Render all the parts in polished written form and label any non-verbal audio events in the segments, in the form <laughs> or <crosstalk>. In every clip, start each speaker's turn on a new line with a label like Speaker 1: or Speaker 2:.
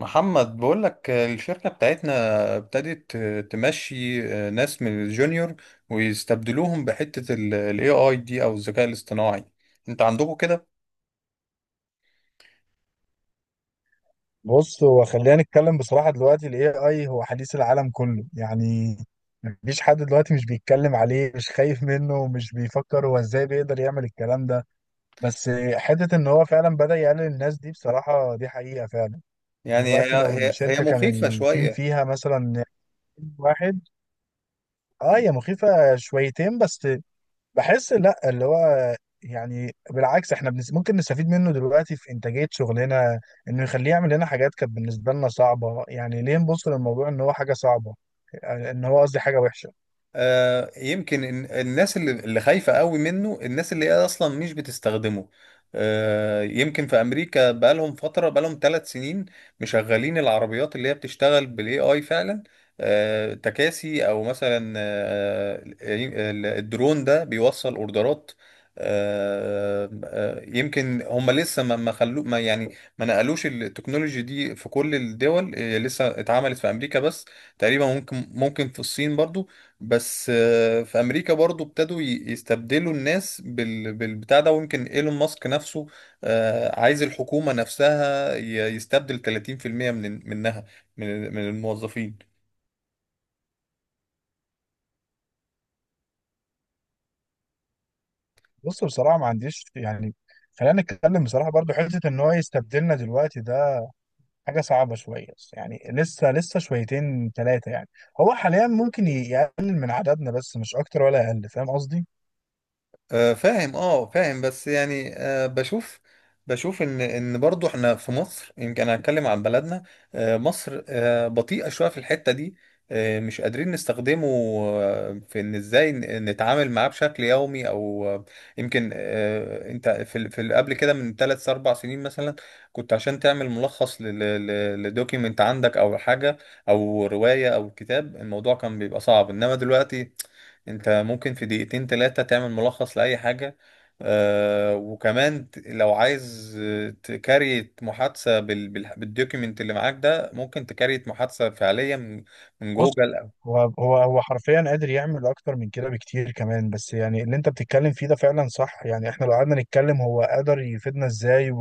Speaker 1: محمد بقول لك الشركة بتاعتنا ابتدت تمشي ناس من الجونيور ويستبدلوهم بحتة ال AI دي أو الذكاء الاصطناعي. أنت عندكم كده؟
Speaker 2: بص، هو خلينا نتكلم بصراحة. دلوقتي ال AI هو حديث العالم كله يعني. مفيش حد دلوقتي مش بيتكلم عليه، مش خايف منه، ومش بيفكر هو ازاي بيقدر يعمل الكلام ده. بس حتة ان هو فعلا بدأ يقلل الناس دي، بصراحة دي حقيقة فعلا.
Speaker 1: يعني هي
Speaker 2: دلوقتي لو
Speaker 1: هي هي
Speaker 2: الشركة كان
Speaker 1: مخيفة
Speaker 2: التيم
Speaker 1: شوية.
Speaker 2: فيها مثلا واحد. اه، هي مخيفة شويتين بس. بحس لا، اللي هو يعني بالعكس، احنا ممكن نستفيد منه دلوقتي في انتاجية شغلنا، انه يخليه يعمل لنا حاجات كانت بالنسبة لنا صعبة. يعني ليه نبص للموضوع ان هو حاجة صعبة، ان هو قصدي حاجة وحشة.
Speaker 1: يمكن الناس اللي خايفة قوي منه الناس اللي هي أصلا مش بتستخدمه. يمكن في أمريكا بقالهم فترة، بقالهم 3 سنين مشغلين العربيات اللي هي بتشتغل بالاي اي فعلا. تكاسي، أو مثلا الدرون ده بيوصل أوردرات. يمكن هم لسه ما خلو ما يعني ما نقلوش التكنولوجي دي في كل الدول. لسه اتعملت في أمريكا بس، تقريبا ممكن في الصين برضو. بس في امريكا برضو يستبدلوا الناس بالبتاع ده. ويمكن ايلون ماسك نفسه عايز الحكومة نفسها يستبدل 30% منها، من الموظفين.
Speaker 2: بص، بصراحة ما عنديش يعني. خلينا نتكلم بصراحة برضو. حتة ان هو يستبدلنا دلوقتي ده حاجة صعبة شوية يعني. لسه شويتين ثلاثة يعني. هو حاليا ممكن يقلل من عددنا، بس مش اكتر ولا اقل. فاهم قصدي؟
Speaker 1: فاهم، اه فاهم. بس يعني بشوف، ان برضو احنا في مصر. يمكن هنتكلم عن بلدنا. مصر بطيئة شوية في الحتة دي. مش قادرين نستخدمه في ان ازاي نتعامل معاه بشكل يومي او آه، يمكن آه، انت قبل كده من 3 4 سنين مثلا، كنت عشان تعمل ملخص لدوكيمنت عندك او حاجة او رواية او كتاب الموضوع كان بيبقى صعب. انما دلوقتي انت ممكن في 2 3 دقايق تعمل ملخص لأي حاجة. آه، وكمان لو عايز تكريت محادثة بالدوكيمنت اللي معاك ده، ممكن تكريت محادثة فعليا من
Speaker 2: بص،
Speaker 1: جوجل.
Speaker 2: هو حرفيا قادر يعمل اكتر من كده بكتير كمان، بس يعني اللي انت بتتكلم فيه ده فعلا صح. يعني احنا لو قعدنا نتكلم هو قادر يفيدنا ازاي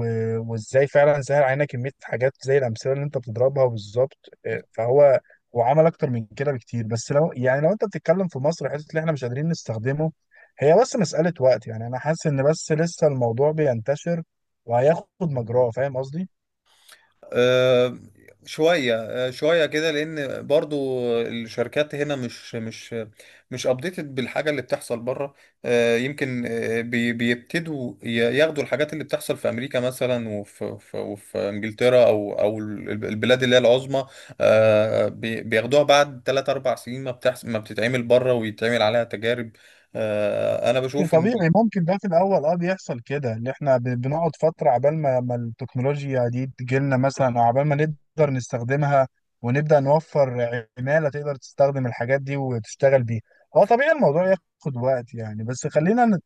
Speaker 2: وازاي فعلا سهل علينا كمية حاجات زي الامثلة اللي انت بتضربها بالظبط. إيه، فهو عمل اكتر من كده بكتير. بس لو يعني لو انت بتتكلم في مصر، حته اللي احنا مش قادرين نستخدمه هي بس مسألة وقت يعني. انا حاسس ان بس لسه الموضوع بينتشر وهياخد مجراه. فاهم قصدي؟
Speaker 1: آه، شوية، شوية كده، لأن برضو الشركات هنا مش أبديتد بالحاجة اللي بتحصل بره. بيبتدوا ياخدوا الحاجات اللي بتحصل في أمريكا مثلا، وفي إنجلترا، أو البلاد اللي هي العظمى. بياخدوها بعد 3 4 سنين ما بتحصل، ما بتتعمل بره ويتعمل عليها تجارب. أنا بشوف إن،
Speaker 2: طبيعي ممكن ده في الاول اه بيحصل كده، ان احنا بنقعد فتره عبال ما التكنولوجيا دي تجيلنا مثلا، او عبال ما نقدر نستخدمها ونبدا نوفر عماله تقدر تستخدم الحاجات دي وتشتغل بيها. هو طبيعي الموضوع ياخد وقت يعني. بس خلينا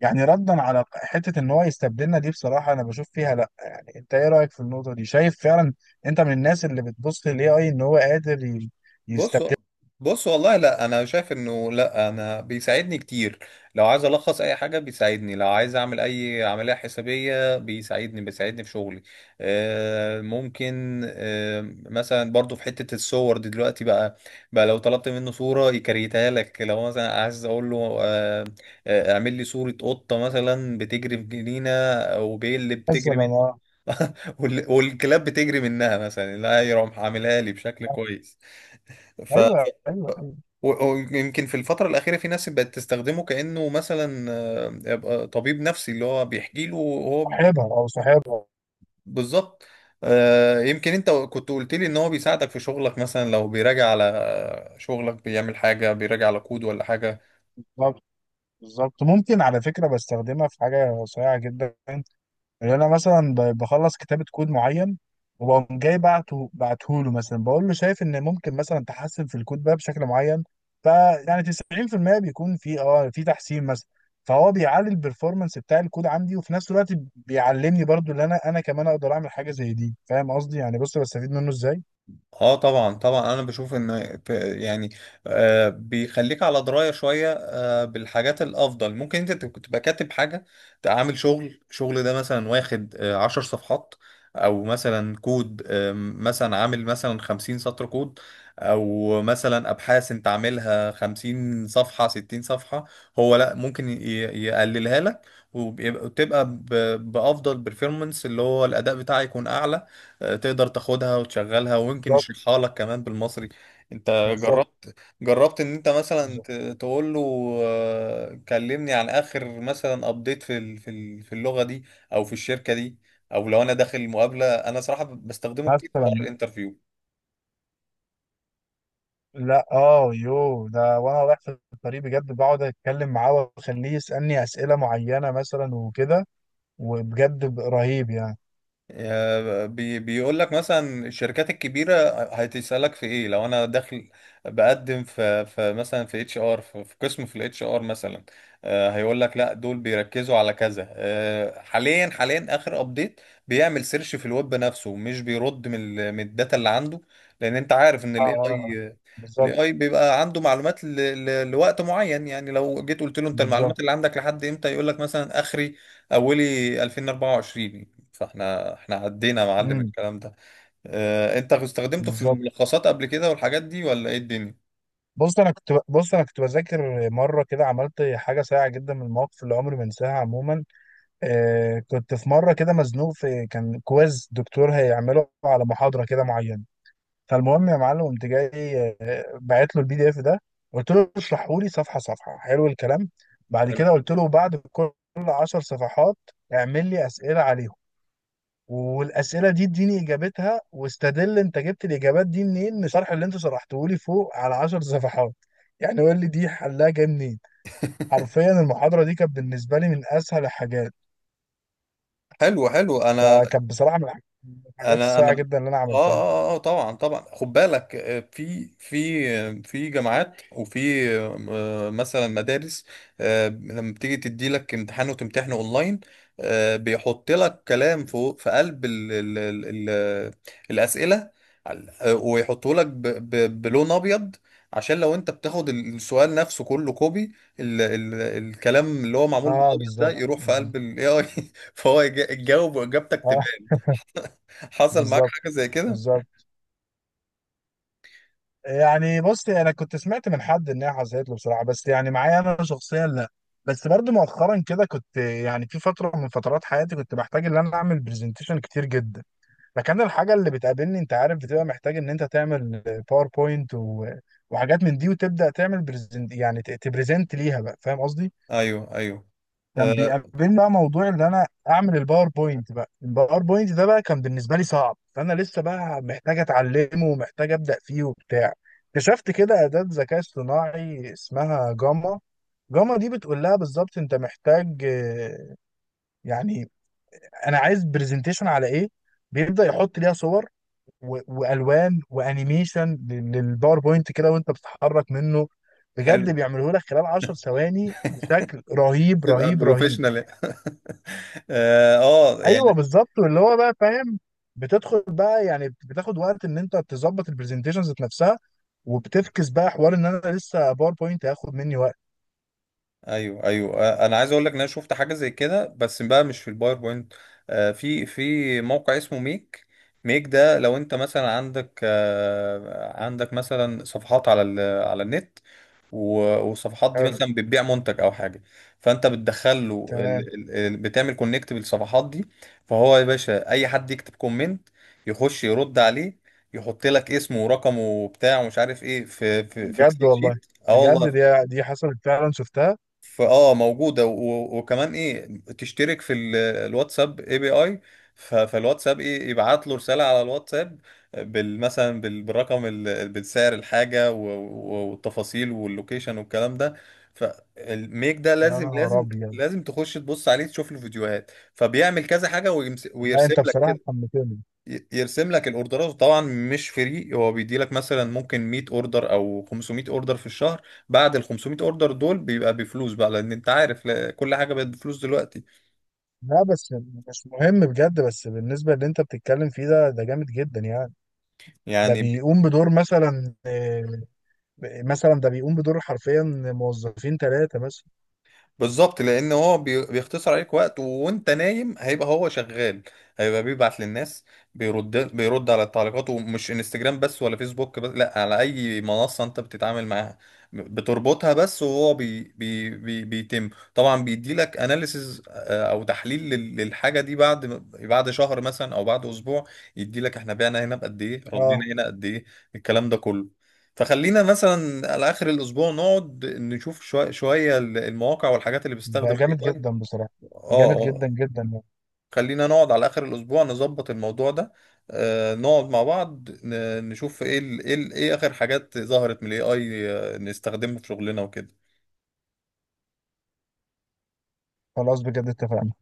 Speaker 2: يعني، ردا على حته ان هو يستبدلنا دي، بصراحه انا بشوف فيها لا. يعني انت ايه رايك في النقطه دي؟ شايف فعلا انت من الناس اللي بتبص للاي اي ان هو قادر
Speaker 1: بص،
Speaker 2: يستبدل؟
Speaker 1: بص والله، لا انا شايف انه لا، انا بيساعدني كتير. لو عايز الخص اي حاجه بيساعدني، لو عايز اعمل اي عمليه حسابيه بيساعدني، في شغلي. آه، ممكن آه، مثلا برضو في حته الصور دي دلوقتي بقى. لو طلبت منه صوره يكريتها لك، لو مثلا عايز اقول له اعمل لي صوره قطه مثلا بتجري في جنينه، او بيل بتجري
Speaker 2: مثلا
Speaker 1: من
Speaker 2: اه.
Speaker 1: <laughs> والكلاب بتجري منها مثلا، لا يروح عاملها لي بشكل كويس. ف
Speaker 2: ايوه، ايوه، ايوه.
Speaker 1: ويمكن في الفترة الأخيرة في ناس بقت تستخدمه كأنه مثلا يبقى طبيب نفسي اللي هو بيحكي له هو.
Speaker 2: صاحبها او صاحبها.
Speaker 1: بالظبط. يمكن أنت كنت قلت لي إن هو بيساعدك في شغلك. مثلا لو بيراجع على شغلك، بيعمل حاجة، بيراجع على كود ولا حاجة.
Speaker 2: بالظبط. بالظبط، ممكن على فكرة بستخدمها في حاجة صريعة جدا. اللي أنا مثلا بخلص كتابة كود معين، وبقوم جاي بعته له مثلا، بقول له شايف إن ممكن مثلا تحسن في الكود ده بشكل معين. فيعني 90% بيكون في تحسين مثلا. فهو بيعلي البرفورمانس بتاع الكود عندي، وفي نفس الوقت بيعلمني برضو، اللي أنا كمان أقدر أعمل حاجة زي دي. فاهم قصدي؟ يعني بص، بستفيد منه إزاي.
Speaker 1: اه طبعا طبعا، انا بشوف ان، يعني آه بيخليك على درايه شويه آه بالحاجات الافضل. ممكن انت تبقى كاتب حاجه، تبقى عامل شغل ده مثلا واخد آه 10 صفحات، او مثلا كود آه مثلا عامل مثلا 50 سطر كود، او مثلا ابحاث انت عاملها 50 صفحه 60 صفحه، هو لا ممكن يقللها لك. وتبقى بافضل بيرفورمانس، اللي هو الاداء بتاعي يكون اعلى. تقدر تاخدها وتشغلها ويمكن
Speaker 2: بالظبط.
Speaker 1: يشرحها لك كمان بالمصري. انت
Speaker 2: بالظبط.
Speaker 1: جربت، ان انت مثلا
Speaker 2: بالظبط.
Speaker 1: تقول له كلمني عن اخر مثلا ابديت في اللغة دي او في الشركة دي، او لو انا داخل مقابلة. انا صراحة بستخدمه كتير في حوار
Speaker 2: مثلا
Speaker 1: الانترفيو.
Speaker 2: لا اه يو ده، وانا رايح في الطريق بجد بقعد اتكلم معاه واخليه يسالني اسئله معينه مثلا وكده. وبجد رهيب يعني.
Speaker 1: آه، بي بيقول لك مثلا الشركات الكبيره هتسالك في ايه. لو انا داخل بقدم في في مثلا في اتش ار في في قسم في الاتش ار مثلا، هيقول لك لا دول بيركزوا على كذا حاليا، اخر ابديت. بيعمل سيرش في الويب نفسه، مش بيرد من الداتا اللي عنده، لان انت عارف ان
Speaker 2: اه، اه، بالظبط،
Speaker 1: الاي اي بيبقى عنده معلومات لوقت معين. يعني لو جيت قلت له انت
Speaker 2: بالظبط.
Speaker 1: المعلومات اللي عندك لحد امتى، يقول لك مثلا اخري، اولي 2024. فاحنا عدينا يا معلم
Speaker 2: امم،
Speaker 1: الكلام ده. اه، انت استخدمته في
Speaker 2: بالظبط.
Speaker 1: الملخصات قبل كده والحاجات دي، ولا ايه الدنيا؟
Speaker 2: بص، انا كنت بذاكر مره كده، عملت حاجه سيئه جدا من المواقف اللي عمري ما انساها. عموما، كنت في مره كده مزنوق، في كان كويز دكتور هيعمله على محاضره كده معينه. فالمهم يا معلم، قمت جاي بعت له البي دي اف ده، قلت له اشرحه لي صفحه صفحه. حلو الكلام، بعد
Speaker 1: حلو،
Speaker 2: كده قلت له بعد كل 10 صفحات اعمل لي اسئله عليهم، والاسئله دي اديني اجابتها، واستدل انت جبت الاجابات دي منين من الشرح اللي انت شرحته لي فوق على 10 صفحات، يعني قول لي دي حلها جاي منين. حرفيا المحاضره دي كانت بالنسبه لي من اسهل الحاجات.
Speaker 1: حلو، حلو، انا
Speaker 2: فكانت بصراحه من الحاجات
Speaker 1: انا
Speaker 2: الصايعه
Speaker 1: انا
Speaker 2: جدا اللي انا
Speaker 1: اه
Speaker 2: عملتها.
Speaker 1: اه اه طبعا طبعا، خد بالك في جامعات وفي مثلا مدارس لما بتيجي تدي لك امتحان وتمتحنه اونلاين بيحط لك كلام فوق في قلب ال الاسئله، ويحطه لك بلون ابيض، عشان لو انت بتاخد السؤال نفسه كله كوبي، ال الكلام اللي هو معمول
Speaker 2: اه،
Speaker 1: بالابيض ده
Speaker 2: بالظبط،
Speaker 1: يروح في
Speaker 2: بالظبط.
Speaker 1: قلب الاي اي <laughs> فهو يجاوب واجابتك.
Speaker 2: اه،
Speaker 1: حصل معاك
Speaker 2: بالظبط،
Speaker 1: حاجة زي كده؟
Speaker 2: بالظبط. يعني بص، انا كنت سمعت من حد انها حصلت له بصراحه، بس يعني معايا انا شخصيا لا. بس برضو مؤخرا كده كنت يعني في فتره من فترات حياتي كنت بحتاج ان انا اعمل برزنتيشن كتير جدا. فكان الحاجه اللي بتقابلني، انت عارف، بتبقى محتاج ان انت تعمل باوربوينت وحاجات من دي، وتبدا تعمل برزنت يعني تبرزنت ليها بقى. فاهم قصدي؟
Speaker 1: ايوه، ايوه،
Speaker 2: كان
Speaker 1: آه،
Speaker 2: بيقابلني بقى موضوع ان انا اعمل الباوربوينت بقى. الباوربوينت ده بقى كان بالنسبه لي صعب، فانا لسه بقى محتاج اتعلمه ومحتاج ابدا فيه وبتاع. اكتشفت كده اداه ذكاء اصطناعي اسمها جاما. جاما دي بتقول لها بالظبط انت محتاج، يعني انا عايز برزنتيشن على ايه. بيبدا يحط ليها صور والوان وانيميشن للباوربوينت كده، وانت بتتحرك منه.
Speaker 1: حلو.
Speaker 2: بجد بيعمله لك خلال 10 ثواني بشكل رهيب
Speaker 1: تبقى
Speaker 2: رهيب رهيب.
Speaker 1: بروفيشنال <laughs> اه آه، يعني.
Speaker 2: ايوه، بالظبط. واللي هو بقى فاهم، بتدخل بقى يعني بتاخد وقت ان انت تظبط البرزنتيشن ذات نفسها، وبتفكس بقى حوار ان انا لسه باوربوينت هياخد مني وقت.
Speaker 1: ايوه، ايوه، انا عايز اقول لك ان انا شفت حاجه زي كده بس بقى مش في الباوربوينت. آه، في في موقع اسمه ميك. ميك ده لو انت مثلا عندك عندك مثلا صفحات على النت، و- والصفحات دي
Speaker 2: حلو،
Speaker 1: مثلا بتبيع منتج او حاجه، فانت بتدخل له
Speaker 2: تمام.
Speaker 1: بتعمل كونكت بالصفحات دي. فهو يا باشا اي حد يكتب كومنت يخش يرد عليه، يحط لك اسمه ورقمه وبتاع ومش عارف ايه في
Speaker 2: بجد
Speaker 1: اكسل
Speaker 2: والله،
Speaker 1: شيت. اه
Speaker 2: بجد
Speaker 1: والله،
Speaker 2: دي حصلت فعلا، شفتها.
Speaker 1: فاه موجوده، وكمان ايه، تشترك الواتساب اي بي اي، فالواتساب ايه يبعت له رساله على الواتساب مثلا بالرقم، بالسعر، الحاجه والتفاصيل واللوكيشن والكلام ده. فالميك ده
Speaker 2: يا
Speaker 1: لازم،
Speaker 2: نهار
Speaker 1: لازم
Speaker 2: ابيض.
Speaker 1: لازم تخش تبص عليه تشوف له فيديوهات، فبيعمل كذا حاجه
Speaker 2: لا،
Speaker 1: ويرسم
Speaker 2: انت بصراحه
Speaker 1: لك،
Speaker 2: حمستني.
Speaker 1: يرسم لك الاوردرات. طبعا مش فري، هو بيدي لك مثلا ممكن 100 اوردر او 500 اوردر في الشهر، بعد ال 500 اوردر دول بيبقى بفلوس بقى، لان انت عارف كل حاجه بقت بفلوس دلوقتي،
Speaker 2: لا بس مش مهم بجد. بس بالنسبه اللي انت بتتكلم فيه ده جامد جدا يعني. ده
Speaker 1: يعني.
Speaker 2: بيقوم بدور مثلا، مثلا ده بيقوم بدور حرفيا موظفين 3 مثلا.
Speaker 1: بالظبط، لان هو بيختصر عليك وقت، وانت نايم هيبقى هو شغال، هيبقى بيبعت للناس، بيرد على التعليقات. ومش انستجرام بس ولا فيسبوك بس، لا، على اي منصة انت بتتعامل معاها بتربطها بس. وهو بي بي بي بيتم. طبعا بيديلك اناليسز او تحليل للحاجة دي بعد، بعد شهر مثلا او بعد اسبوع، يديلك احنا بعنا هنا بقد ايه، ردينا
Speaker 2: اه،
Speaker 1: هنا قد ايه، الكلام ده كله. فخلينا مثلا على اخر الاسبوع نقعد نشوف شويه شويه المواقع والحاجات اللي
Speaker 2: ده
Speaker 1: بتستخدم الاي
Speaker 2: جامد
Speaker 1: اي.
Speaker 2: جدا بصراحة.
Speaker 1: اه
Speaker 2: جامد جدا
Speaker 1: آه.
Speaker 2: جدا.
Speaker 1: خلينا نقعد على اخر الاسبوع نظبط الموضوع ده. آه، نقعد مع بعض نشوف ايه ال اخر حاجات ظهرت من الاي اي نستخدمها في شغلنا وكده.
Speaker 2: خلاص، بجد اتفقنا.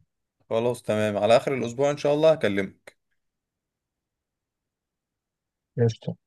Speaker 1: خلاص تمام، على اخر الاسبوع ان شاء الله هكلمك.
Speaker 2: قشطة.